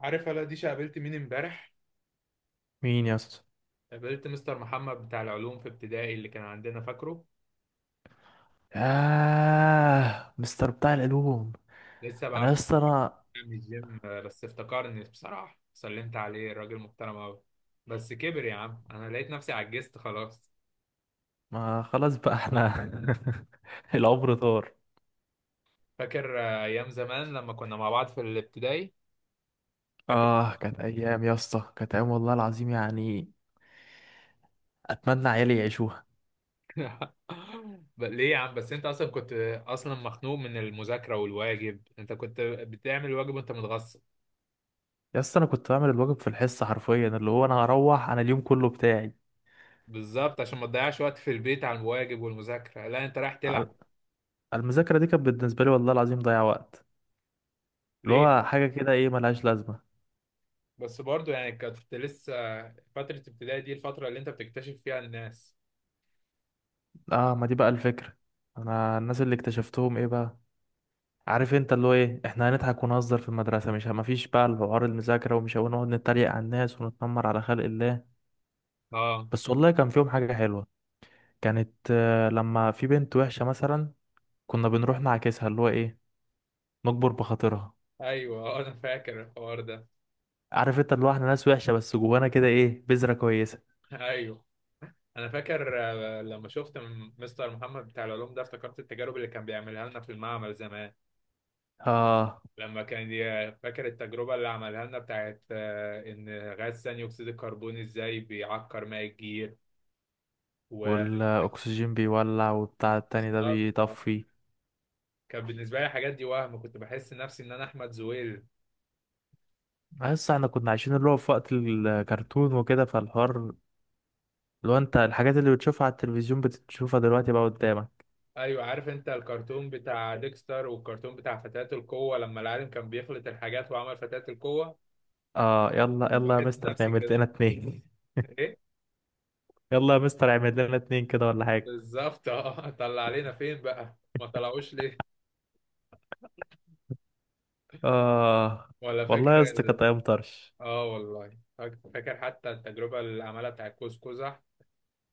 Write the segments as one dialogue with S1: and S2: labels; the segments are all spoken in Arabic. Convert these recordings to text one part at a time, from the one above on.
S1: عارف هلا ديشة قابلت مين امبارح؟
S2: مين يا اسطى؟
S1: قابلت مستر محمد بتاع العلوم في ابتدائي اللي كان عندنا، فاكره؟
S2: آه، مستر بتاع العلوم.
S1: لسه بقى
S2: انا يا اسطى
S1: بيجي من الجيم بس افتكرني بصراحة، سلمت عليه، الراجل محترم أوي. بس كبر يا عم، أنا لقيت نفسي عجزت خلاص.
S2: ما خلاص بقى احنا. العمر طار.
S1: فاكر؟ أيام زمان لما كنا مع بعض في الابتدائي، فاكر؟
S2: اه، كانت ايام يا اسطى، كانت ايام والله العظيم يعني. اتمنى عيالي يعيشوها.
S1: ليه يا عم؟ بس أنت أصلا كنت أصلا مخنوق من المذاكرة والواجب، أنت كنت بتعمل واجب وأنت متغصب.
S2: يا اسطى انا كنت بعمل الواجب في الحصه حرفيا، اللي هو انا هروح، انا اليوم كله بتاعي.
S1: بالظبط، عشان ما تضيعش وقت في البيت على الواجب والمذاكرة، لا أنت رايح
S2: على-
S1: تلعب.
S2: المذاكره دي كانت بالنسبه لي والله العظيم ضيع وقت. اللي هو
S1: ليه؟
S2: حاجه كده، ايه ملهاش لازمه.
S1: بس برضو يعني كنت لسه، فترة ابتدائي دي الفترة اللي انت بتكتشف فيها الناس.
S2: اه، ما دي بقى الفكره. انا الناس اللي اكتشفتهم ايه بقى؟ عارف انت اللي هو ايه، احنا هنضحك ونهزر في المدرسه، مش مفيش بقى الحوار المذاكره، ومش هنقعد نتريق على الناس ونتنمر على خلق الله.
S1: اه.
S2: بس والله كان فيهم حاجه حلوه. كانت لما في بنت وحشه مثلا، كنا بنروح نعاكسها، اللي هو ايه، نكبر بخاطرها.
S1: ايوه انا فاكر الحوار ده.
S2: عارف انت اللي هو احنا ناس وحشه، بس جوانا كده ايه بذره كويسه.
S1: ايوه انا فاكر. لما شفت مستر محمد بتاع العلوم ده افتكرت التجارب اللي كان بيعملها لنا في المعمل زمان.
S2: اه،
S1: لما كان فاكر التجربة اللي عملها لنا بتاعت ان غاز ثاني اكسيد الكربون ازاي بيعكر ماء الجير و...
S2: والاكسجين بيولع، وبتاع التاني ده
S1: بالظبط،
S2: بيطفي.
S1: كان بالنسبة لي الحاجات دي وهم، كنت بحس نفسي ان انا احمد زويل.
S2: بس احنا كنا عايشين اللي هو في وقت الكرتون وكده، فالحوار، لو انت الحاجات اللي بتشوفها على التلفزيون بتشوفها دلوقتي بقى قدامك.
S1: ايوه، عارف انت الكرتون بتاع ديكستر والكرتون بتاع فتاة القوة لما العالم كان بيخلط الحاجات وعمل فتاة القوة.
S2: اه، يلا
S1: انا
S2: يلا يا
S1: بحس
S2: مستر،
S1: نفسي
S2: نعمل
S1: كده.
S2: لنا اتنين.
S1: ايه؟
S2: يلا يا مستر، اعمل لنا اتنين كده ولا حاجة.
S1: بالظبط اه. طلع علينا فين بقى؟ ما طلعوش ليه؟
S2: اه،
S1: ولا فاكر
S2: والله يا اسطى كانت ايام طرش.
S1: اه والله فاكر حتى التجربة اللي عملها بتاع كوز قزح.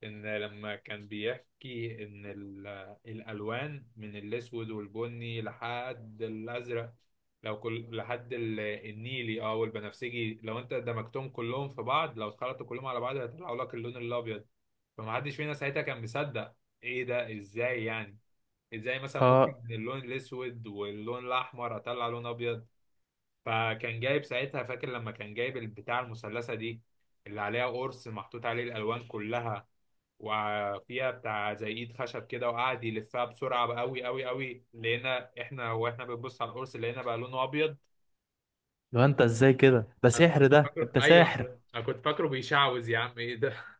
S1: ان لما كان بيحكي ان الالوان من الاسود والبني لحد الازرق، لو كل لحد النيلي اه والبنفسجي، لو انت دمجتهم كلهم في بعض، لو اتخلطوا كلهم على بعض هيطلعوا لك اللون الابيض. فمحدش فينا ساعتها كان مصدق. ايه ده؟ ازاي يعني؟ ازاي مثلا ممكن
S2: اه،
S1: من اللون الاسود واللون الاحمر اطلع لون ابيض؟ فكان جايب ساعتها، فاكر لما كان جايب البتاع المثلثه دي اللي عليها قرص محطوط عليه الالوان كلها، وفيها بتاع زي ايد خشب كده، وقعد يلفها بسرعه قوي قوي قوي، لقينا احنا واحنا بنبص على القرص لقينا بقى لونه ابيض.
S2: لو انت ازاي كده؟ ده
S1: انا
S2: سحر،
S1: كنت
S2: ده
S1: فاكره
S2: انت
S1: ايوه،
S2: ساحر.
S1: انا كنت فاكره بيشعوذ، يا عم ايه ده؟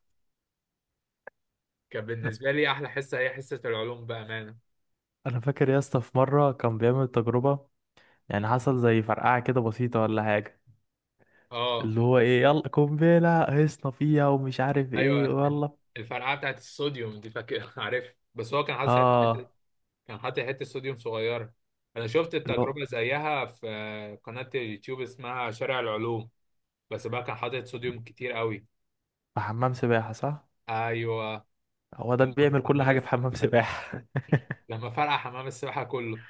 S1: كان بالنسبه لي احلى حصه هي حصه العلوم بامانه.
S2: انا فاكر يا اسطى، في مرة كان بيعمل تجربة، يعني حصل زي فرقعة كده بسيطة ولا حاجة.
S1: اه.
S2: اللي هو ايه، يلا قنبلة هيصنا فيها، ومش عارف ايه،
S1: ايوه
S2: ويلا.
S1: الفرقعه بتاعت الصوديوم دي، فاكر؟ عارف، بس هو كان حاطط ساعتها
S2: اه،
S1: كان حاطط حته صوديوم صغيره. انا شفت
S2: اللي هو
S1: التجربه زيها في قناه اليوتيوب اسمها شارع العلوم، بس بقى كان حاطط صوديوم كتير قوي.
S2: في حمام سباحة، صح؟
S1: ايوه.
S2: هو ده بيعمل كل
S1: حمام.
S2: حاجة في حمام سباحة.
S1: لما فرقع حمام السباحة كله!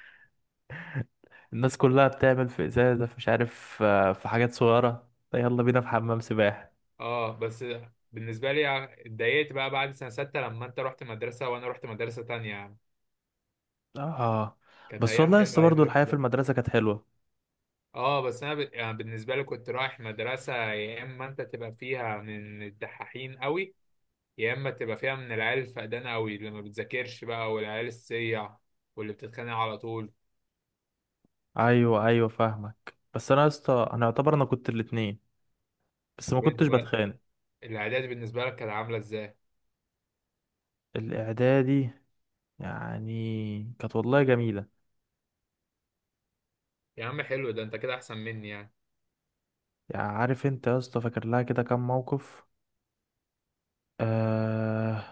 S2: الناس كلها بتعمل في ازازه، في مش عارف في حاجات صغيره. لا، يلا بينا في حمام سباحه.
S1: اه بس بالنسبة لي اتضايقت بقى بعد سنة ستة لما انت رحت مدرسة وانا رحت مدرسة تانية يعني.
S2: اه،
S1: كانت
S2: بس
S1: ايام
S2: والله يا
S1: حلوة
S2: اسطى
S1: ايام
S2: برضه الحياه في
S1: الابتدائي.
S2: المدرسه كانت حلوه.
S1: اه بس انا يعني بالنسبة لي كنت رايح مدرسة يا اما انت تبقى فيها من الدحاحين قوي، يا اما تبقى فيها من العيال الفقدانة قوي اللي ما بتذاكرش بقى والعيال السيع واللي بتتخانق على طول.
S2: ايوه ايوه، فاهمك. بس انا يا اسطى انا يعتبر انا كنت الاتنين، بس ما
S1: طب انت
S2: كنتش
S1: بقى
S2: بتخانق.
S1: الاعداد بالنسبة لك كانت عاملة ازاي؟
S2: الاعدادي يعني كانت والله جميله.
S1: يا عم حلو، ده انت كده احسن مني يعني.
S2: يعني عارف انت يا اسطى، فاكر لها كده كام موقف. آه.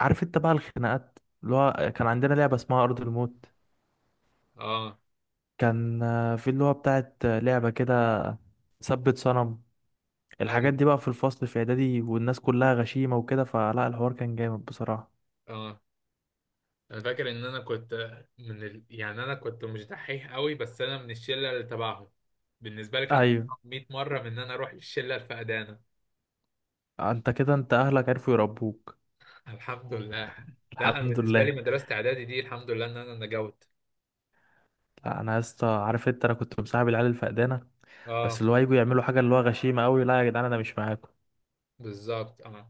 S2: عارف انت بقى الخناقات، اللي هو كان عندنا لعبه اسمها ارض الموت.
S1: اه.
S2: كان في اللي هو بتاعت لعبه كده، ثبت صنم. الحاجات
S1: ايوه.
S2: دي بقى في الفصل في اعدادي، والناس كلها غشيمة وكده، فلا الحوار كان جامد بصراحة.
S1: اه انا فاكر ان انا كنت من يعني انا كنت مش دحيح قوي، بس انا من الشله اللي تبعهم. بالنسبه لي كان
S2: ايوه.
S1: أصعب 100 مره من ان انا اروح للشله الفقدانه.
S2: انت كده انت اهلك عرفوا يربوك.
S1: الحمد لله. لا انا
S2: الحمد
S1: بالنسبه لي
S2: لله.
S1: مدرسه اعدادي دي، الحمد لله ان انا نجوت.
S2: لا، انا يا اسطى عارف انت انا كنت مصاحب العيال الفقدانة، بس
S1: اه
S2: اللي هو يجوا يعملوا حاجة اللي هو غشيمة قوي، لا يا جدعان انا مش معاكم.
S1: بالظبط. اه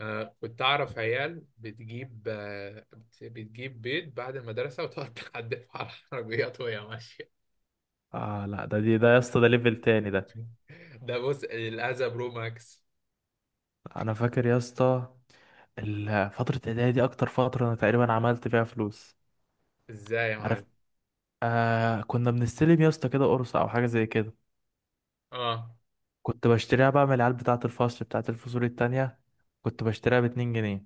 S1: كنت اعرف عيال بتجيب بتجيب بيض بعد المدرسه وتقعد تحدفه على العربيات وهي ماشيه.
S2: اه، لا ده، دي ده يا اسطى، ده ليفل تاني ده.
S1: ده بص، الاذى برو ماكس.
S2: انا فاكر يا اسطى فترة اعدادي دي اكتر فترة انا تقريبا عملت فيها فلوس.
S1: ازاي يا
S2: عارف،
S1: معلم؟
S2: آه، كنا بنستلم يا اسطى كده قرص او حاجة زي كده،
S1: اه.
S2: كنت بشتريها بقى من العيال بتاعة الفصول التانية، كنت بشتريها باتنين جنيه.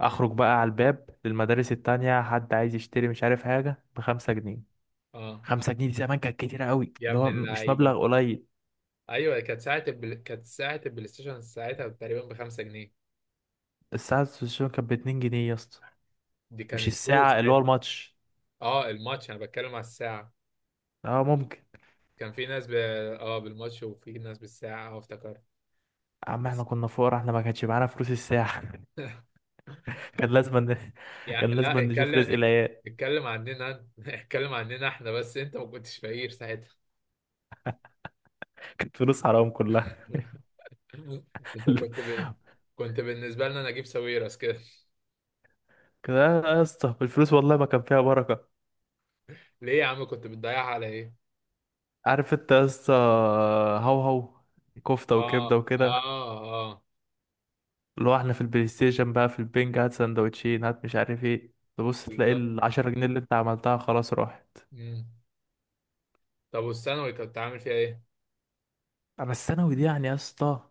S1: مم.
S2: أخرج بقى على الباب للمدارس التانية، حد عايز يشتري مش عارف حاجة بخمسة جنيه.
S1: اه
S2: خمسة جنيه دي زمان كانت كتيرة قوي،
S1: يا
S2: اللي
S1: ابن
S2: هو مش
S1: اللعيبه.
S2: مبلغ قليل.
S1: ايوه كانت كانت ساعه البلاي ستيشن ساعتها تقريبا ب 5 جنيه.
S2: الساعة السوشيال كانت باتنين جنيه يا اسطى،
S1: دي
S2: مش
S1: كانت تو
S2: الساعة اللي هو
S1: ساعتها.
S2: الماتش.
S1: اه الماتش، انا بتكلم على الساعه.
S2: اه، ممكن.
S1: كان في ناس اه بالماتش وفي ناس بالساعه، اه افتكرت.
S2: يا عم احنا
S1: بس
S2: كنا فقراء، احنا ما كانش معانا فلوس الساعة. كان لازم ن...
S1: يعني
S2: كان لازم
S1: لا
S2: نشوف رزق العيال.
S1: اتكلم عننا انت. اتكلم عننا احنا، بس انت ما كنتش فقير ساعتها.
S2: كانت فلوس حرام كلها.
S1: انت كنت ب... كنت بالنسبه لنا نجيب ساويرس كده.
S2: كده يا اسطى، الفلوس والله ما كان فيها بركة.
S1: ليه يا عم كنت بتضيعها على ايه؟
S2: عارف انت يا اسطى، هو هو، كفته
S1: اه.
S2: وكبده
S1: اه.
S2: وكده.
S1: اه
S2: اللي هو احنا في البلاي ستيشن بقى في البنج، هات سندوتشين، هات مش عارف ايه، تبص تلاقي
S1: بالظبط.
S2: العشرة جنيه اللي انت عملتها خلاص راحت.
S1: مم. طب والثانوي كنت عامل فيها ايه؟
S2: اما الثانوي دي يعني يا اسطى،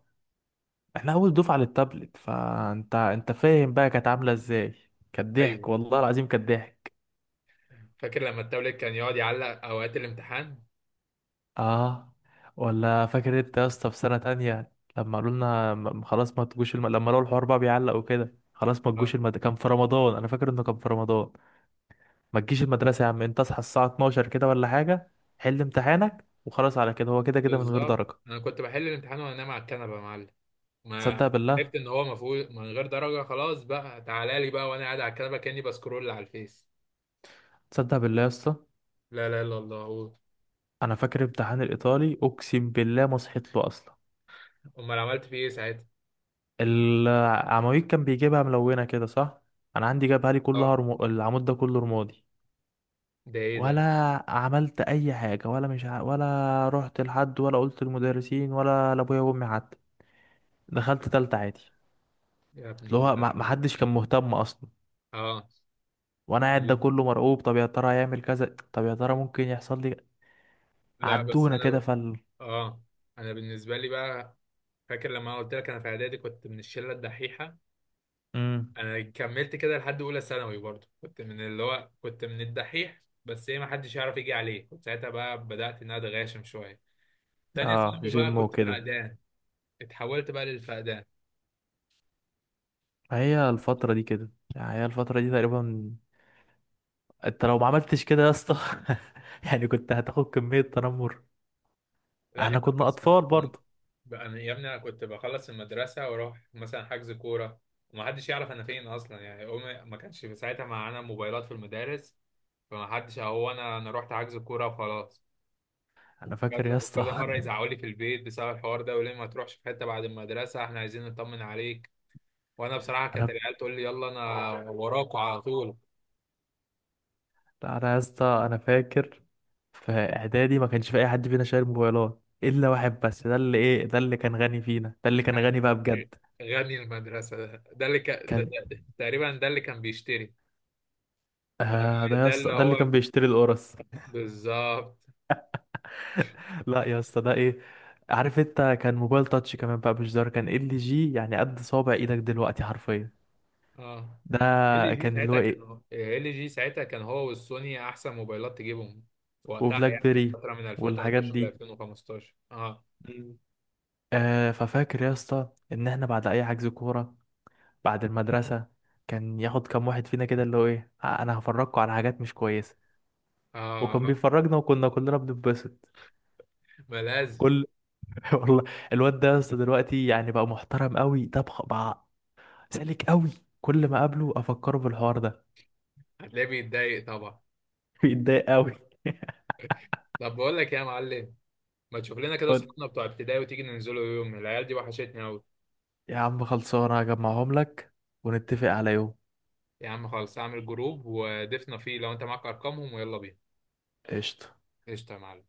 S2: احنا اول دفعه للتابلت، فانت فاهم بقى كانت عامله ازاي. كانت ضحك
S1: ايوه
S2: والله العظيم، كانت ضحك.
S1: فاكر لما التابلت كان يقعد يعلق اوقات الامتحان.
S2: اه، ولا فاكر انت يا اسطى في سنه تانية لما قالوا لنا خلاص ما تجوش لما لقوا الحوار بقى بيعلق وكده، خلاص ما تجوش
S1: اه
S2: كان في رمضان، انا فاكر انه كان في رمضان. ما تجيش المدرسة يا عم، انت اصحى الساعة 12 كده ولا حاجة، حل امتحانك وخلاص، على كده هو كده كده من غير
S1: بالظبط،
S2: درجة.
S1: انا كنت بحل الامتحان وانا نايم على الكنبه يا معلم. ما
S2: تصدق بالله؟
S1: عرفت ان هو مفروض من غير درجه، خلاص بقى تعالى لي بقى وانا قاعد على الكنبه كاني بسكرول على الفيس.
S2: تصدق بالله يا اسطى،
S1: لا لا الا الله قول.
S2: انا فاكر امتحان الايطالي اقسم بالله ما صحيت له اصلا.
S1: امال عملت فيه ايه ساعتها؟
S2: العواميد كان بيجيبها ملونة كده، صح؟ انا عندي جابها لي كلها
S1: اه.
S2: العمود ده كله رمادي.
S1: ده ايه
S2: ولا
S1: ده؟
S2: عملت اي حاجة، ولا مش ع... ولا رحت لحد ولا قلت للمدرسين ولا لابويا وامي حتى. دخلت تالتة عادي.
S1: يا ابن
S2: اللي هو ما
S1: اللعيبه.
S2: حدش كان مهتم اصلا،
S1: اه.
S2: وانا قاعد ده كله مرعوب، طب يا ترى هيعمل كذا، طب يا ترى ممكن يحصل لي.
S1: لا بس
S2: عدونا
S1: انا
S2: كده
S1: بقى.
S2: فال.
S1: اه انا بالنسبه لي بقى، فاكر لما أنا قلت لك انا في اعدادي كنت من الشله الدحيحه؟
S2: امم.
S1: انا كملت كده لحد اولى ثانوي برضه، كنت من اللي هو كنت من الدحيح، بس ايه، ما حدش يعرف يجي عليه. كنت ساعتها بقى بدأت ان انا اتغاشم شويه. تانية
S2: اه،
S1: ثانوي بقى
S2: جيم
S1: كنت
S2: وكده.
S1: فقدان، اتحولت بقى للفقدان.
S2: فهي الفترة دي كده، يعني هي الفترة دي تقريبا. انت لو ما عملتش كده يا اسطى يعني كنت هتاخد كمية تنمر،
S1: لا يا
S2: احنا
S1: عم
S2: كنا
S1: بس
S2: اطفال برضه.
S1: بقى، انا يا ابني انا كنت بخلص المدرسه واروح مثلا حجز كوره، وما حدش يعرف انا فين اصلا يعني. امي ما كانش في ساعتها معانا موبايلات في المدارس، فما حدش، هو انا انا رحت حجز كوره وخلاص.
S2: انا فاكر
S1: وكذا
S2: يا
S1: وكذا
S2: اسطى.
S1: مره يزعقوا لي في البيت بسبب الحوار ده، وليه ما تروحش في حته بعد المدرسه، احنا عايزين نطمن عليك. وانا بصراحه كانت
S2: انا
S1: العيال تقول لي يلا، انا وراكوا على طول.
S2: انا يا اسطى انا فاكر في اعدادي ما كانش في اي حد فينا شايل موبايلات، الا واحد بس، ده اللي ايه، ده اللي كان غني فينا، ده اللي كان غني بقى بجد.
S1: غني المدرسه ده، ده اللي كان، ده،
S2: كان،
S1: ده تقريبا ده اللي كان بيشتري.
S2: آه، ده يا
S1: ده اللي
S2: اسطى ده اللي
S1: هو
S2: كان بيشتري القرص.
S1: بالظبط.
S2: لا يا اسطى ده ايه، عارف انت كان موبايل تاتش كمان بقى، مش زر، كان ال جي يعني قد صوابع ايدك دلوقتي حرفيا.
S1: اه
S2: ده
S1: ال جي
S2: كان اللي هو
S1: ساعتها،
S2: ايه،
S1: كان ال جي ساعتها كان هو والسوني احسن موبايلات تجيبهم في وقتها
S2: وبلاك
S1: يعني، في
S2: بيري
S1: فتره من
S2: والحاجات
S1: 2013 ل
S2: دي.
S1: 2015. اه.
S2: مم. ففاكر يا اسطى ان احنا بعد اي حجز كوره بعد المدرسه، كان ياخد كام واحد فينا كده اللي هو ايه انا هفرجكوا على حاجات مش كويسه،
S1: اه
S2: وكان بيفرجنا وكنا كلنا بنتبسط
S1: ما لازم.
S2: كل. والله الواد ده يا اسطى دلوقتي يعني بقى محترم قوي، ده بقى سالك قوي، كل ما اقابله افكره بالحوار ده،
S1: هتلاقيه بيتضايق طبعا.
S2: بيتضايق قوي.
S1: طب بقول لك إيه يا معلم، ما تشوف لنا كده
S2: قلت
S1: اصحابنا بتوع ابتدائي وتيجي ننزلوا يوم، العيال دي وحشتني قوي.
S2: يا عم خلصانه، هجمعهم لك ونتفق على يوم.
S1: يا عم خلاص اعمل جروب ودفنا فيه، لو انت معاك ارقامهم ويلا بينا.
S2: قشطه.
S1: قشطة يا معلم.